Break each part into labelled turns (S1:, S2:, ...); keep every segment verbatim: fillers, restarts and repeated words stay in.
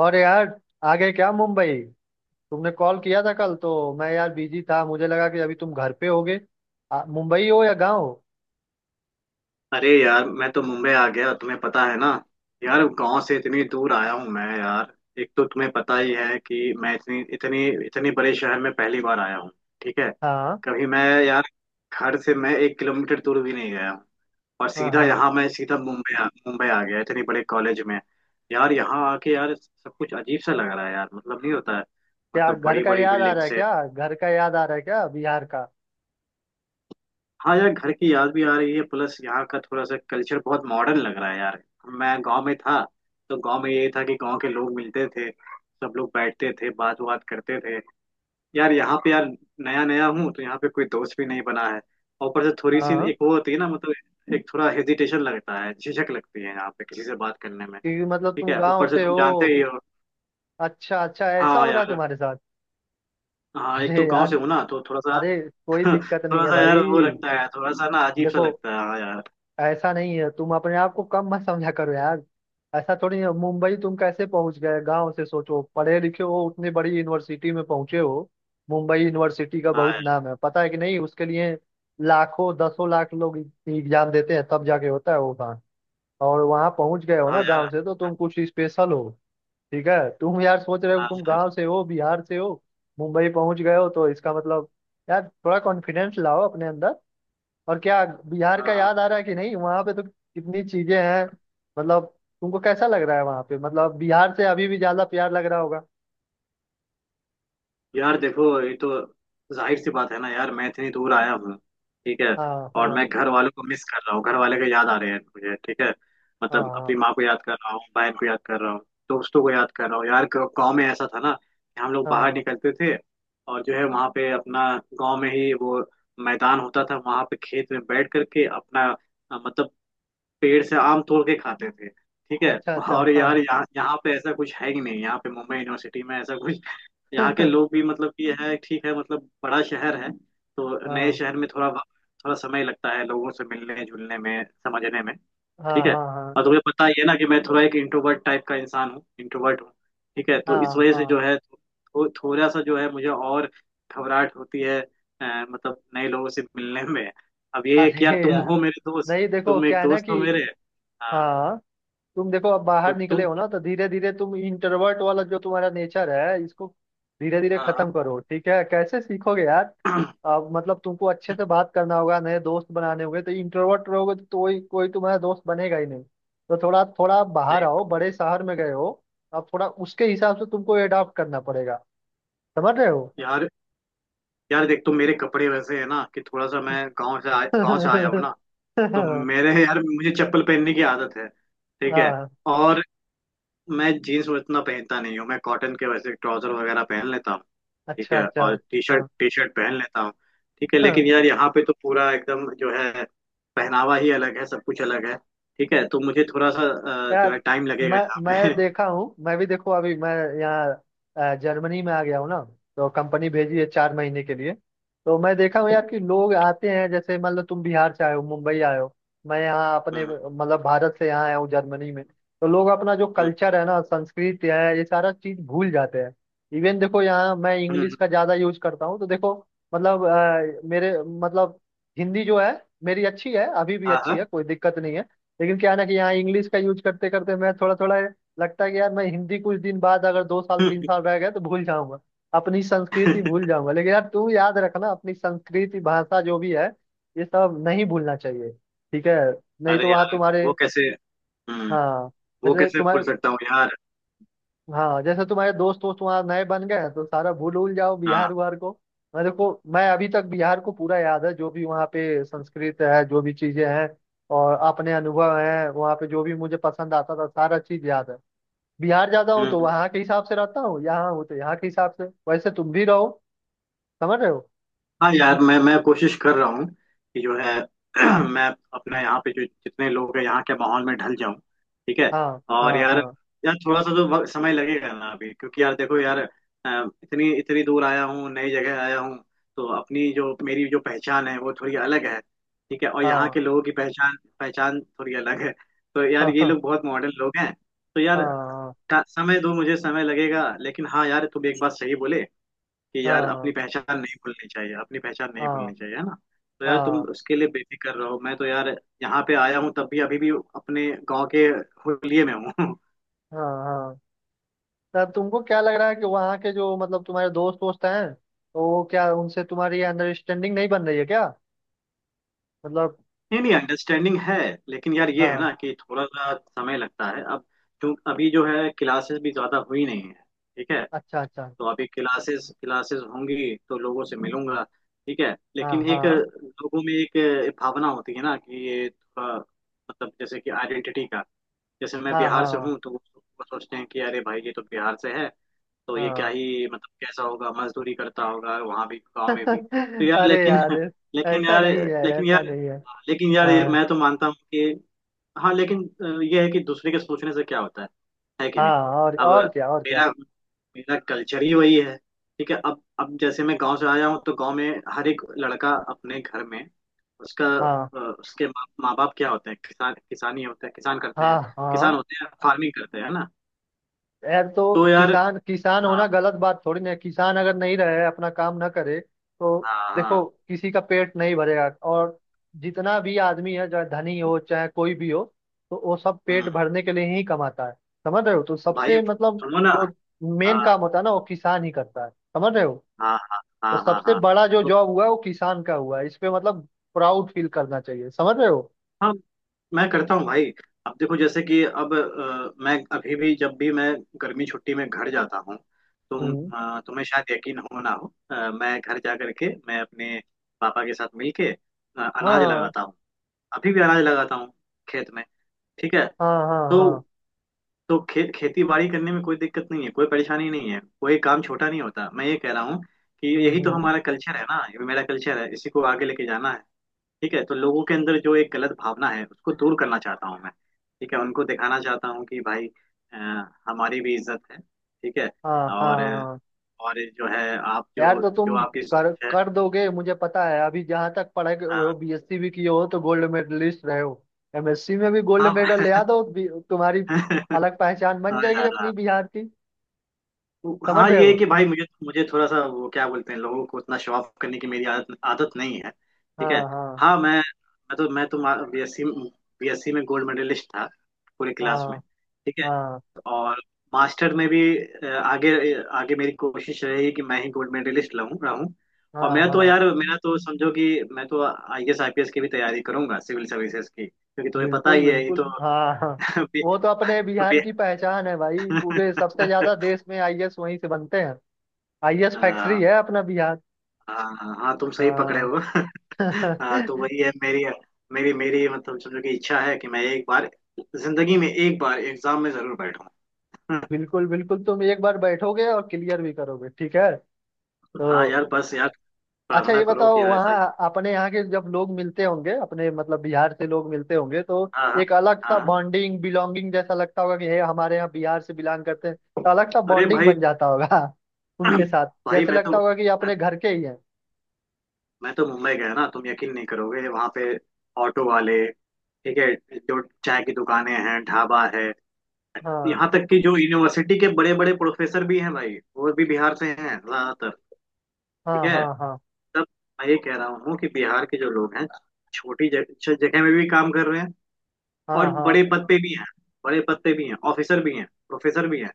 S1: और यार, आगे क्या मुंबई? तुमने कॉल किया था कल, तो मैं यार बिजी था। मुझे लगा कि अभी तुम घर पे होगे। आ, मुंबई हो या गांव?
S2: अरे यार मैं तो मुंबई आ गया तुम्हें पता है ना। यार गांव से इतनी दूर आया हूँ मैं यार। एक तो तुम्हें पता ही है कि मैं इतनी इतनी इतने बड़े शहर में पहली बार आया हूँ। ठीक है।
S1: हाँ,
S2: कभी मैं यार घर से मैं एक किलोमीटर दूर भी नहीं गया हूँ। और
S1: हाँ,
S2: सीधा
S1: हाँ।
S2: यहाँ मैं सीधा मुंबई आ, मुंबई आ गया इतने बड़े कॉलेज में। यार यहाँ आके यार सब कुछ अजीब सा लग रहा है यार मतलब नहीं होता है।
S1: क्या
S2: मतलब
S1: घर
S2: बड़ी
S1: का
S2: बड़ी
S1: याद आ रहा है?
S2: बिल्डिंग्स।
S1: क्या घर का याद आ रहा है? क्या बिहार का?
S2: हाँ यार घर की याद भी आ रही है प्लस यहाँ का थोड़ा सा कल्चर बहुत मॉडर्न लग रहा है यार। मैं गांव में था। तो गांव में ये था कि गांव के लोग मिलते थे सब लोग बैठते थे बात बात करते थे। यार यहाँ पे यार नया नया हूँ तो यहाँ पे कोई दोस्त भी नहीं बना है। और ऊपर से थोड़ी सी
S1: हाँ।
S2: एक वो होती है ना मतलब एक थोड़ा हेजिटेशन लगता है झिझक लगती है यहाँ पे किसी से बात करने में।
S1: क्योंकि मतलब
S2: ठीक
S1: तुम
S2: है
S1: गांव
S2: ऊपर से
S1: से
S2: तुम जानते
S1: हो।
S2: ही हो।
S1: अच्छा, अच्छा, ऐसा
S2: हाँ
S1: हो रहा है
S2: यार।
S1: तुम्हारे साथ?
S2: हाँ एक तो
S1: अरे
S2: गांव
S1: यार,
S2: से हूँ ना तो थोड़ा सा।
S1: अरे, कोई दिक्कत नहीं
S2: थोड़ा
S1: है
S2: सा यार
S1: भाई।
S2: वो लगता है थोड़ा सा ना अजीब सा
S1: देखो,
S2: लगता है हाँ यार।
S1: ऐसा नहीं है। तुम अपने आप को कम मत समझा करो यार। ऐसा थोड़ी है, मुंबई तुम कैसे पहुंच गए गांव से? सोचो, पढ़े लिखे हो, उतनी बड़ी यूनिवर्सिटी में पहुंचे हो। मुंबई यूनिवर्सिटी का
S2: हाँ
S1: बहुत
S2: यार।
S1: नाम है, पता है कि नहीं, उसके लिए। लाखों, दसों लाख लोग एग्जाम देते हैं, तब जाके होता है वो काम। और वहां पहुंच गए हो
S2: हाँ
S1: ना गांव
S2: यार।
S1: से, तो तुम कुछ स्पेशल हो। ठीक है, तुम यार सोच रहे हो
S2: हाँ
S1: तुम
S2: सर।
S1: गांव से हो, बिहार से हो, मुंबई पहुंच गए हो तो इसका मतलब, यार थोड़ा कॉन्फिडेंस लाओ अपने अंदर। और क्या? बिहार
S2: हाँ
S1: का
S2: हाँ।
S1: याद आ रहा है कि नहीं, वहां पे तो कितनी चीजें हैं? मतलब, तुमको कैसा लग रहा है वहां पे, मतलब बिहार से अभी भी ज्यादा प्यार लग रहा होगा।
S2: यार देखो ये तो जाहिर सी बात है ना यार मैं इतनी दूर आया हूँ। ठीक है।
S1: हाँ,
S2: और मैं
S1: हाँ,
S2: घर वालों को मिस कर रहा हूँ घर वाले को याद आ रहे हैं मुझे। ठीक है।
S1: हाँ,
S2: मतलब
S1: हाँ,
S2: अपनी माँ को याद कर रहा हूँ बहन को याद कर रहा हूँ दोस्तों को याद कर रहा हूँ यार। गाँव गाँव में ऐसा था ना कि हम लोग बाहर
S1: हाँ।
S2: निकलते थे। और जो है वहाँ पे अपना गाँव में ही वो मैदान होता था वहाँ पे खेत में बैठ करके अपना अ, मतलब पेड़ से आम तोड़ के खाते थे। ठीक है।
S1: अच्छा, अच्छा,
S2: और यार
S1: हाँ।
S2: यहाँ यहाँ पे ऐसा कुछ है ही नहीं यहाँ पे मुंबई यूनिवर्सिटी में ऐसा कुछ। यहाँ के लोग भी मतलब कि है ठीक है मतलब बड़ा शहर है। तो नए
S1: हाँ,
S2: शहर में थोड़ा वक्त- थोड़ा समय लगता है लोगों से मिलने जुलने में समझने में।
S1: हाँ,
S2: ठीक है।
S1: हाँ, हाँ,
S2: और तुम्हें पता ही है ना कि मैं थोड़ा एक इंट्रोवर्ट टाइप का इंसान हूँ इंट्रोवर्ट हूँ। ठीक है तो इस
S1: हाँ,
S2: वजह से
S1: हाँ।
S2: जो है थो, थोड़ा सा जो है मुझे और घबराहट होती है अ, मतलब नए लोगों से मिलने में। अब ये है
S1: अरे
S2: कि यार तुम
S1: यार,
S2: हो मेरे दोस्त
S1: नहीं देखो,
S2: तुम
S1: क्या
S2: एक
S1: है ना
S2: दोस्त
S1: कि,
S2: हो मेरे। हाँ
S1: हाँ, तुम देखो अब
S2: तो
S1: बाहर निकले
S2: तुम।
S1: हो ना, तो धीरे धीरे तुम इंट्रोवर्ट वाला जो तुम्हारा नेचर है इसको, धीरे धीरे खत्म
S2: हाँ।
S1: करो। ठीक है, कैसे सीखोगे यार।
S2: हाँ।
S1: अब मतलब तुमको अच्छे से बात करना होगा, नए दोस्त बनाने होंगे, तो इंट्रोवर्ट रहोगे तो, तो कोई कोई तुम्हारा दोस्त बनेगा ही नहीं। तो थोड़ा थोड़ा बाहर
S2: सही
S1: आओ,
S2: बात।
S1: बड़े शहर में गए हो, अब थोड़ा उसके हिसाब से तुमको एडॉप्ट करना पड़ेगा। समझ रहे हो?
S2: यार यार देख तुम मेरे कपड़े वैसे है ना कि थोड़ा सा मैं गांव से आ, गांव से आया हूँ ना। तो मेरे यार मुझे चप्पल पहनने की आदत है। ठीक है
S1: हाँ,
S2: और मैं जीन्स उतना पहनता नहीं हूँ मैं कॉटन के वैसे ट्राउजर वगैरह पहन लेता हूँ। ठीक
S1: अच्छा,
S2: है
S1: अच्छा,
S2: और टी
S1: हाँ,
S2: शर्ट टी शर्ट पहन लेता हूँ। ठीक है
S1: हाँ।
S2: लेकिन यार यहाँ पे तो पूरा एकदम जो है पहनावा ही अलग है सब कुछ अलग है। ठीक है तो मुझे थोड़ा सा अ, जो
S1: यार,
S2: है टाइम लगेगा
S1: मैं
S2: यहाँ पे।
S1: मैं देखा हूँ। मैं भी देखो, अभी मैं यहाँ अ, जर्मनी में आ गया हूँ ना। तो कंपनी भेजी है चार महीने के लिए। तो मैं देखा हूँ यार कि लोग आते हैं, जैसे मतलब तुम बिहार से आए हो, मुंबई आए हो। मैं यहाँ अपने
S2: हम्म।
S1: मतलब भारत से यहाँ आया हूँ जर्मनी में, तो लोग अपना जो
S2: हम्म।
S1: कल्चर है ना, संस्कृति है, ये सारा चीज भूल जाते हैं। इवन देखो, यहाँ मैं इंग्लिश
S2: हम्म।
S1: का ज्यादा यूज करता हूँ तो देखो, मतलब अ, मेरे मतलब, हिंदी जो है, मेरी अच्छी है, अभी भी
S2: हाँ।
S1: अच्छी है,
S2: हाँ।
S1: कोई दिक्कत नहीं है। लेकिन क्या है ना कि यहाँ इंग्लिश का यूज करते करते मैं थोड़ा थोड़ा, लगता है कि यार मैं हिंदी कुछ दिन बाद, अगर दो साल तीन साल रह गए तो भूल जाऊंगा। अपनी संस्कृति भूल जाऊंगा, लेकिन यार तू याद रखना, अपनी संस्कृति, भाषा जो भी है, ये सब नहीं भूलना चाहिए। ठीक है। नहीं तो
S2: अरे
S1: वहाँ
S2: यार
S1: तुम्हारे,
S2: वो कैसे हम्म
S1: हाँ
S2: वो
S1: जैसे
S2: कैसे भूल
S1: तुम्हारे
S2: सकता हूँ यार।
S1: हाँ जैसे तुम्हारे दोस्त वोस्त वहाँ नए बन गए हैं, तो सारा भूल उल जाओ बिहार
S2: हाँ।
S1: उहार को। मैं देखो, मैं अभी तक बिहार को पूरा याद है, जो भी वहाँ पे संस्कृत है, जो भी चीजें हैं, और अपने अनुभव हैं वहाँ पे, जो भी मुझे पसंद आता था, सारा चीज याद है। बिहार जाता हूँ
S2: हम्म।
S1: तो
S2: हम्म।
S1: वहाँ के हिसाब से रहता हूँ, यहाँ हूँ तो यहाँ के हिसाब से। वैसे तुम भी रहो। समझ रहे हो?
S2: हाँ यार मैं मैं कोशिश कर रहा हूँ कि जो है मैं अपने यहाँ पे जो जितने लोग हैं यहाँ के माहौल में ढल जाऊँ। ठीक है।
S1: हाँ,
S2: और
S1: हाँ,
S2: यार
S1: हाँ,
S2: यार थोड़ा सा तो वक्त- समय लगेगा ना अभी क्योंकि यार देखो यार अ, इतनी इतनी दूर आया हूँ नई जगह आया हूँ। तो अपनी जो मेरी जो पहचान है वो थोड़ी अलग है। ठीक है और यहाँ
S1: हाँ,
S2: के लोगों की पहचान पहचान थोड़ी अलग है। तो यार ये
S1: हाँ,
S2: लोग बहुत मॉडर्न लोग हैं। तो
S1: हाँ,
S2: यार
S1: हाँ,
S2: टा- समय दो मुझे समय लगेगा लेकिन हाँ यार तुम एक बात सही बोले कि
S1: हाँ,
S2: यार अपनी
S1: हाँ,
S2: पहचान नहीं भूलनी चाहिए अपनी पहचान नहीं
S1: हाँ,
S2: भूलनी चाहिए है ना। तो यार तुम उसके लिए बेफिक्र रहो मैं तो यार यहाँ पे आया हूँ तब भी अभी भी अपने गांव के हुलिये में हूँ।
S1: हाँ, हाँ। तब तुमको क्या लग रहा है कि वहाँ के, जो मतलब तुम्हारे दोस्त वोस्त हैं, तो वो क्या, उनसे तुम्हारी अंडरस्टैंडिंग नहीं बन रही है क्या? मतलब,
S2: नहीं नहीं अंडरस्टैंडिंग है लेकिन यार ये है
S1: हाँ,
S2: ना कि थोड़ा सा समय लगता है अब। क्यों अभी जो है क्लासेस भी ज्यादा हुई नहीं है। ठीक है
S1: अच्छा, अच्छा,
S2: तो अभी क्लासेस क्लासेस होंगी तो लोगों से मिलूंगा। ठीक है
S1: हाँ,
S2: लेकिन एक
S1: हाँ,
S2: लोगों में एक भावना होती है ना कि ये थोड़ा मतलब जैसे कि आइडेंटिटी का। जैसे मैं
S1: हाँ,
S2: बिहार से
S1: हाँ,
S2: हूँ तो वो सोचते हैं कि अरे भाई ये तो बिहार से है। तो ये क्या
S1: हाँ।
S2: ही मतलब कैसा होगा मजदूरी करता होगा वहां भी गाँव में भी। तो यार
S1: अरे
S2: लेकिन।
S1: यार,
S2: लेकिन
S1: ऐसा
S2: यार
S1: नहीं है,
S2: लेकिन
S1: ऐसा
S2: यार
S1: नहीं है।
S2: लेकिन यार ये
S1: हाँ,
S2: मैं तो मानता हूँ कि। हाँ लेकिन अ, ये है कि दूसरे के सोचने से क्या होता है। है कि नहीं।
S1: हाँ, और
S2: अब
S1: और क्या, और क्या?
S2: मेरा मेरा कल्चर ही वही है। ठीक है अब अब जैसे मैं गांव से आया हूँ तो गांव में हर एक लड़का अपने घर में उसका
S1: हाँ,
S2: अ, उसके माँ माँ बाप क्या होते हैं किसान किसानी होते हैं किसान करते हैं
S1: हाँ,
S2: किसान
S1: हाँ।
S2: होते हैं फार्मिंग करते हैं ना।
S1: यार तो,
S2: तो यार।
S1: किसान किसान
S2: हाँ
S1: होना गलत बात थोड़ी ना है, किसान अगर नहीं रहे, अपना काम ना करे तो,
S2: हाँ
S1: देखो
S2: हाँ।
S1: किसी का पेट नहीं भरेगा। और जितना भी आदमी है, चाहे धनी हो, चाहे कोई भी हो, तो वो सब पेट
S2: हम्म।
S1: भरने के लिए ही कमाता है। समझ रहे हो? तो
S2: भाई
S1: सबसे मतलब,
S2: सुनो ना।
S1: जो मेन
S2: हाँ
S1: काम होता है ना, वो किसान ही करता है। समझ रहे हो?
S2: हाँ हाँ
S1: तो
S2: हाँ हाँ
S1: सबसे
S2: हाँ
S1: बड़ा जो
S2: तो।
S1: जॉब हुआ है वो किसान का हुआ है, इस पे मतलब प्राउड फील करना चाहिए। समझ रहे हो?
S2: हाँ मैं करता हूँ भाई। अब देखो जैसे कि अब अ, मैं अभी भी जब भी मैं गर्मी छुट्टी में घर जाता हूँ तुम
S1: हम्म,
S2: अ, तुम्हें शायद यकीन हो ना हो अ, मैं घर जा करके मैं अपने पापा के साथ मिलके अ, अनाज
S1: हाँ,
S2: लगाता हूँ अभी भी अनाज लगाता हूँ खेत में। ठीक है।
S1: हाँ, हाँ,
S2: तो
S1: हाँ,
S2: तो खे, खेती बाड़ी करने में कोई दिक्कत नहीं है कोई परेशानी नहीं है कोई काम छोटा नहीं होता। मैं ये कह रहा हूँ कि
S1: हम्म,
S2: यही तो
S1: हम्म,
S2: हमारा कल्चर है ना ये मेरा कल्चर है इसी को आगे लेके जाना है। ठीक है तो लोगों के अंदर जो एक गलत भावना है उसको दूर करना चाहता हूँ मैं। ठीक है उनको दिखाना चाहता हूँ कि भाई अ, हमारी भी इज्जत है। ठीक है
S1: हाँ, हाँ,
S2: और
S1: हाँ।
S2: और जो है आप
S1: यार
S2: जो
S1: तो
S2: जो
S1: तुम,
S2: आपकी
S1: कर
S2: सोच है।
S1: कर दोगे, मुझे पता है। अभी जहाँ तक पढ़ाई के-
S2: अ,
S1: वो बी एस सी भी किए हो तो गोल्ड मेडलिस्ट रहे हो। एम एस सी में भी गोल्ड मेडल ले आ
S2: हाँ।
S1: दो भी- तुम्हारी अलग पहचान बन
S2: हाँ
S1: जाएगी
S2: यार।
S1: अपनी बिहार की। समझ
S2: हाँ
S1: रहे
S2: ये है
S1: हो?
S2: कि भाई मुझे मुझे थोड़ा सा वो क्या बोलते हैं लोगों को उतना शो ऑफ करने की मेरी आदत आदत नहीं है। ठीक है।
S1: हाँ, हाँ,
S2: हाँ मैं मैं तो मैं तो बीएससी बीएससी में गोल्ड मेडलिस्ट था पूरे क्लास में।
S1: हाँ,
S2: ठीक है।
S1: हाँ,
S2: और मास्टर में भी अ, आगे आगे मेरी कोशिश रही कि मैं ही गोल्ड मेडलिस्ट लाऊं रहूं। और
S1: हाँ,
S2: मैं तो
S1: हाँ,
S2: यार मेरा तो समझो कि मैं तो आईएएस आईपीएस की भी तैयारी करूंगा सिविल सर्विसेज की क्योंकि तुम्हें पता
S1: बिल्कुल,
S2: ही है ये
S1: बिल्कुल,
S2: तो।
S1: हाँ, हाँ।
S2: अभी-
S1: वो तो अपने बिहार
S2: अभी-
S1: की पहचान है भाई, पूरे सबसे ज्यादा देश में आई ए एस वहीं से बनते हैं। आई ए एस फैक्ट्री
S2: हाँ।
S1: है अपना बिहार।
S2: हाँ हाँ हाँ तुम सही पकड़े
S1: हाँ।
S2: हो। हाँ तो वही है मेरी मेरी मेरी मतलब समझो कि इच्छा है कि मैं एक बार जिंदगी में एक बार एग्जाम में जरूर बैठूं।
S1: बिल्कुल, बिल्कुल, तुम एक बार बैठोगे और क्लियर भी करोगे, ठीक है।
S2: हाँ
S1: तो,
S2: यार बस यार
S1: अच्छा
S2: प्रार्थना
S1: ये
S2: करो
S1: बताओ,
S2: कि ऐसा ही
S1: वहाँ
S2: हो।
S1: अपने यहाँ के जब लोग मिलते होंगे, अपने मतलब बिहार से लोग मिलते होंगे तो,
S2: हाँ
S1: एक अलग
S2: हाँ हाँ।
S1: सा
S2: हाँ।
S1: बॉन्डिंग बिलोंगिंग जैसा लगता होगा कि हे, हमारे यहाँ बिहार से बिलोंग करते हैं, तो अलग सा
S2: अरे
S1: बॉन्डिंग
S2: भाई।
S1: बन जाता होगा। उनके साथ
S2: भाई
S1: जैसे
S2: मैं
S1: लगता
S2: तो
S1: होगा कि अपने घर के ही हैं।
S2: मैं तो मुंबई गया ना तुम यकीन नहीं करोगे वहां पे ऑटो वाले। ठीक है जो चाय की दुकानें हैं ढाबा है
S1: हाँ,
S2: यहाँ तक कि जो यूनिवर्सिटी के बड़े बड़े प्रोफेसर भी हैं भाई वो भी बिहार से हैं ज्यादातर। ठीक
S1: हाँ,
S2: है।
S1: हाँ, हाँ,
S2: तब मैं ये कह रहा हूँ कि बिहार के जो लोग हैं छोटी जग- छ- जगह में भी काम कर रहे हैं
S1: हाँ,
S2: और
S1: हाँ,
S2: बड़े पद पे भी हैं बड़े पद पे भी हैं ऑफिसर भी हैं प्रोफेसर भी हैं।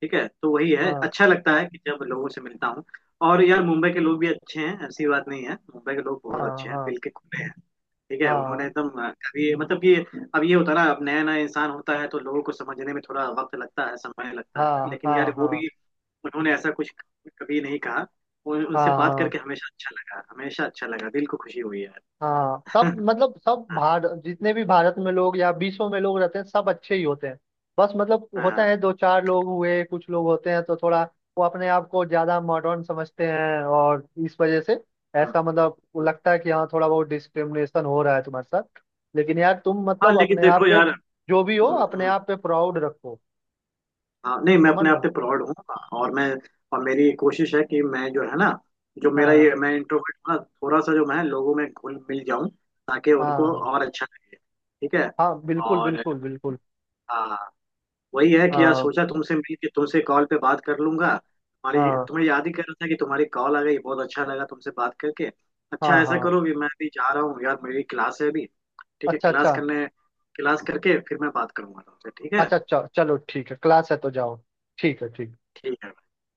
S2: ठीक है तो वही है
S1: हाँ,
S2: अच्छा लगता है कि जब लोगों से मिलता हूँ। और यार मुंबई के लोग भी अच्छे हैं ऐसी बात नहीं है मुंबई के लोग बहुत
S1: हाँ,
S2: अच्छे हैं
S1: हाँ,
S2: दिल के खुले हैं। ठीक है
S1: हाँ,
S2: उन्होंने एकदम अभी मतलब कि अब ये होता है ना अब नया नया इंसान होता है तो लोगों को समझने में थोड़ा वक्त लगता है समय लगता
S1: हाँ,
S2: है लेकिन
S1: हाँ,
S2: यार
S1: हाँ,
S2: वो
S1: हाँ,
S2: भी उन्होंने ऐसा कुछ कभी नहीं कहा। उन, उनसे
S1: हाँ,
S2: बात
S1: हाँ,
S2: करके हमेशा अच्छा लगा हमेशा अच्छा लगा दिल को खुशी हुई यार।
S1: हाँ, सब मतलब सब
S2: हाँ
S1: भारत, जितने भी भारत में लोग या विश्व में लोग रहते हैं, सब अच्छे ही होते हैं। बस मतलब
S2: हाँ
S1: होता
S2: हाँ
S1: है, दो चार लोग हुए, कुछ लोग होते हैं तो थोड़ा, वो अपने आप को ज्यादा मॉडर्न समझते हैं, और इस वजह से
S2: हाँ
S1: ऐसा मतलब वो
S2: हाँ,
S1: लगता है कि हाँ, थोड़ा बहुत डिस्क्रिमिनेशन हो रहा है तुम्हारे साथ। लेकिन यार तुम
S2: हाँ,
S1: मतलब
S2: लेकिन
S1: अपने आप
S2: देखो
S1: पे,
S2: यार।
S1: जो भी हो
S2: हम्म,
S1: अपने
S2: हम्म,
S1: आप पे प्राउड रखो।
S2: हाँ नहीं मैं
S1: समझ
S2: अपने
S1: रहे
S2: आप
S1: हो?
S2: पे प्राउड हूँ। और मैं और मेरी कोशिश है कि मैं जो है ना जो मेरा
S1: हाँ,
S2: ये मैं इंट्रोवर्ट हूँ ना थोड़ा सा जो मैं लोगों में घुल मिल जाऊँ ताकि
S1: हाँ,
S2: उनको
S1: हाँ,
S2: और अच्छा लगे। ठीक है।
S1: हाँ, बिल्कुल,
S2: और
S1: बिल्कुल, बिल्कुल,
S2: हाँ वही है कि यार
S1: हाँ,
S2: सोचा तुमसे मिल के तुमसे कॉल पे बात कर लूंगा तुम्हारी
S1: हाँ,
S2: तुम्हें याद ही कर रहा था कि तुम्हारी कॉल आ गई बहुत अच्छा लगा तुमसे बात करके।
S1: हाँ,
S2: अच्छा ऐसा
S1: हाँ।
S2: करो कि मैं भी जा रहा हूँ यार मेरी क्लास है अभी। ठीक है
S1: अच्छा,
S2: क्लास
S1: अच्छा,
S2: करने क्लास करके फिर मैं बात करूंगा तुमसे। ठीक है
S1: अच्छा, च- चलो, ठीक है, क्लास है तो जाओ। ठीक है, ठीक।
S2: ठीक है।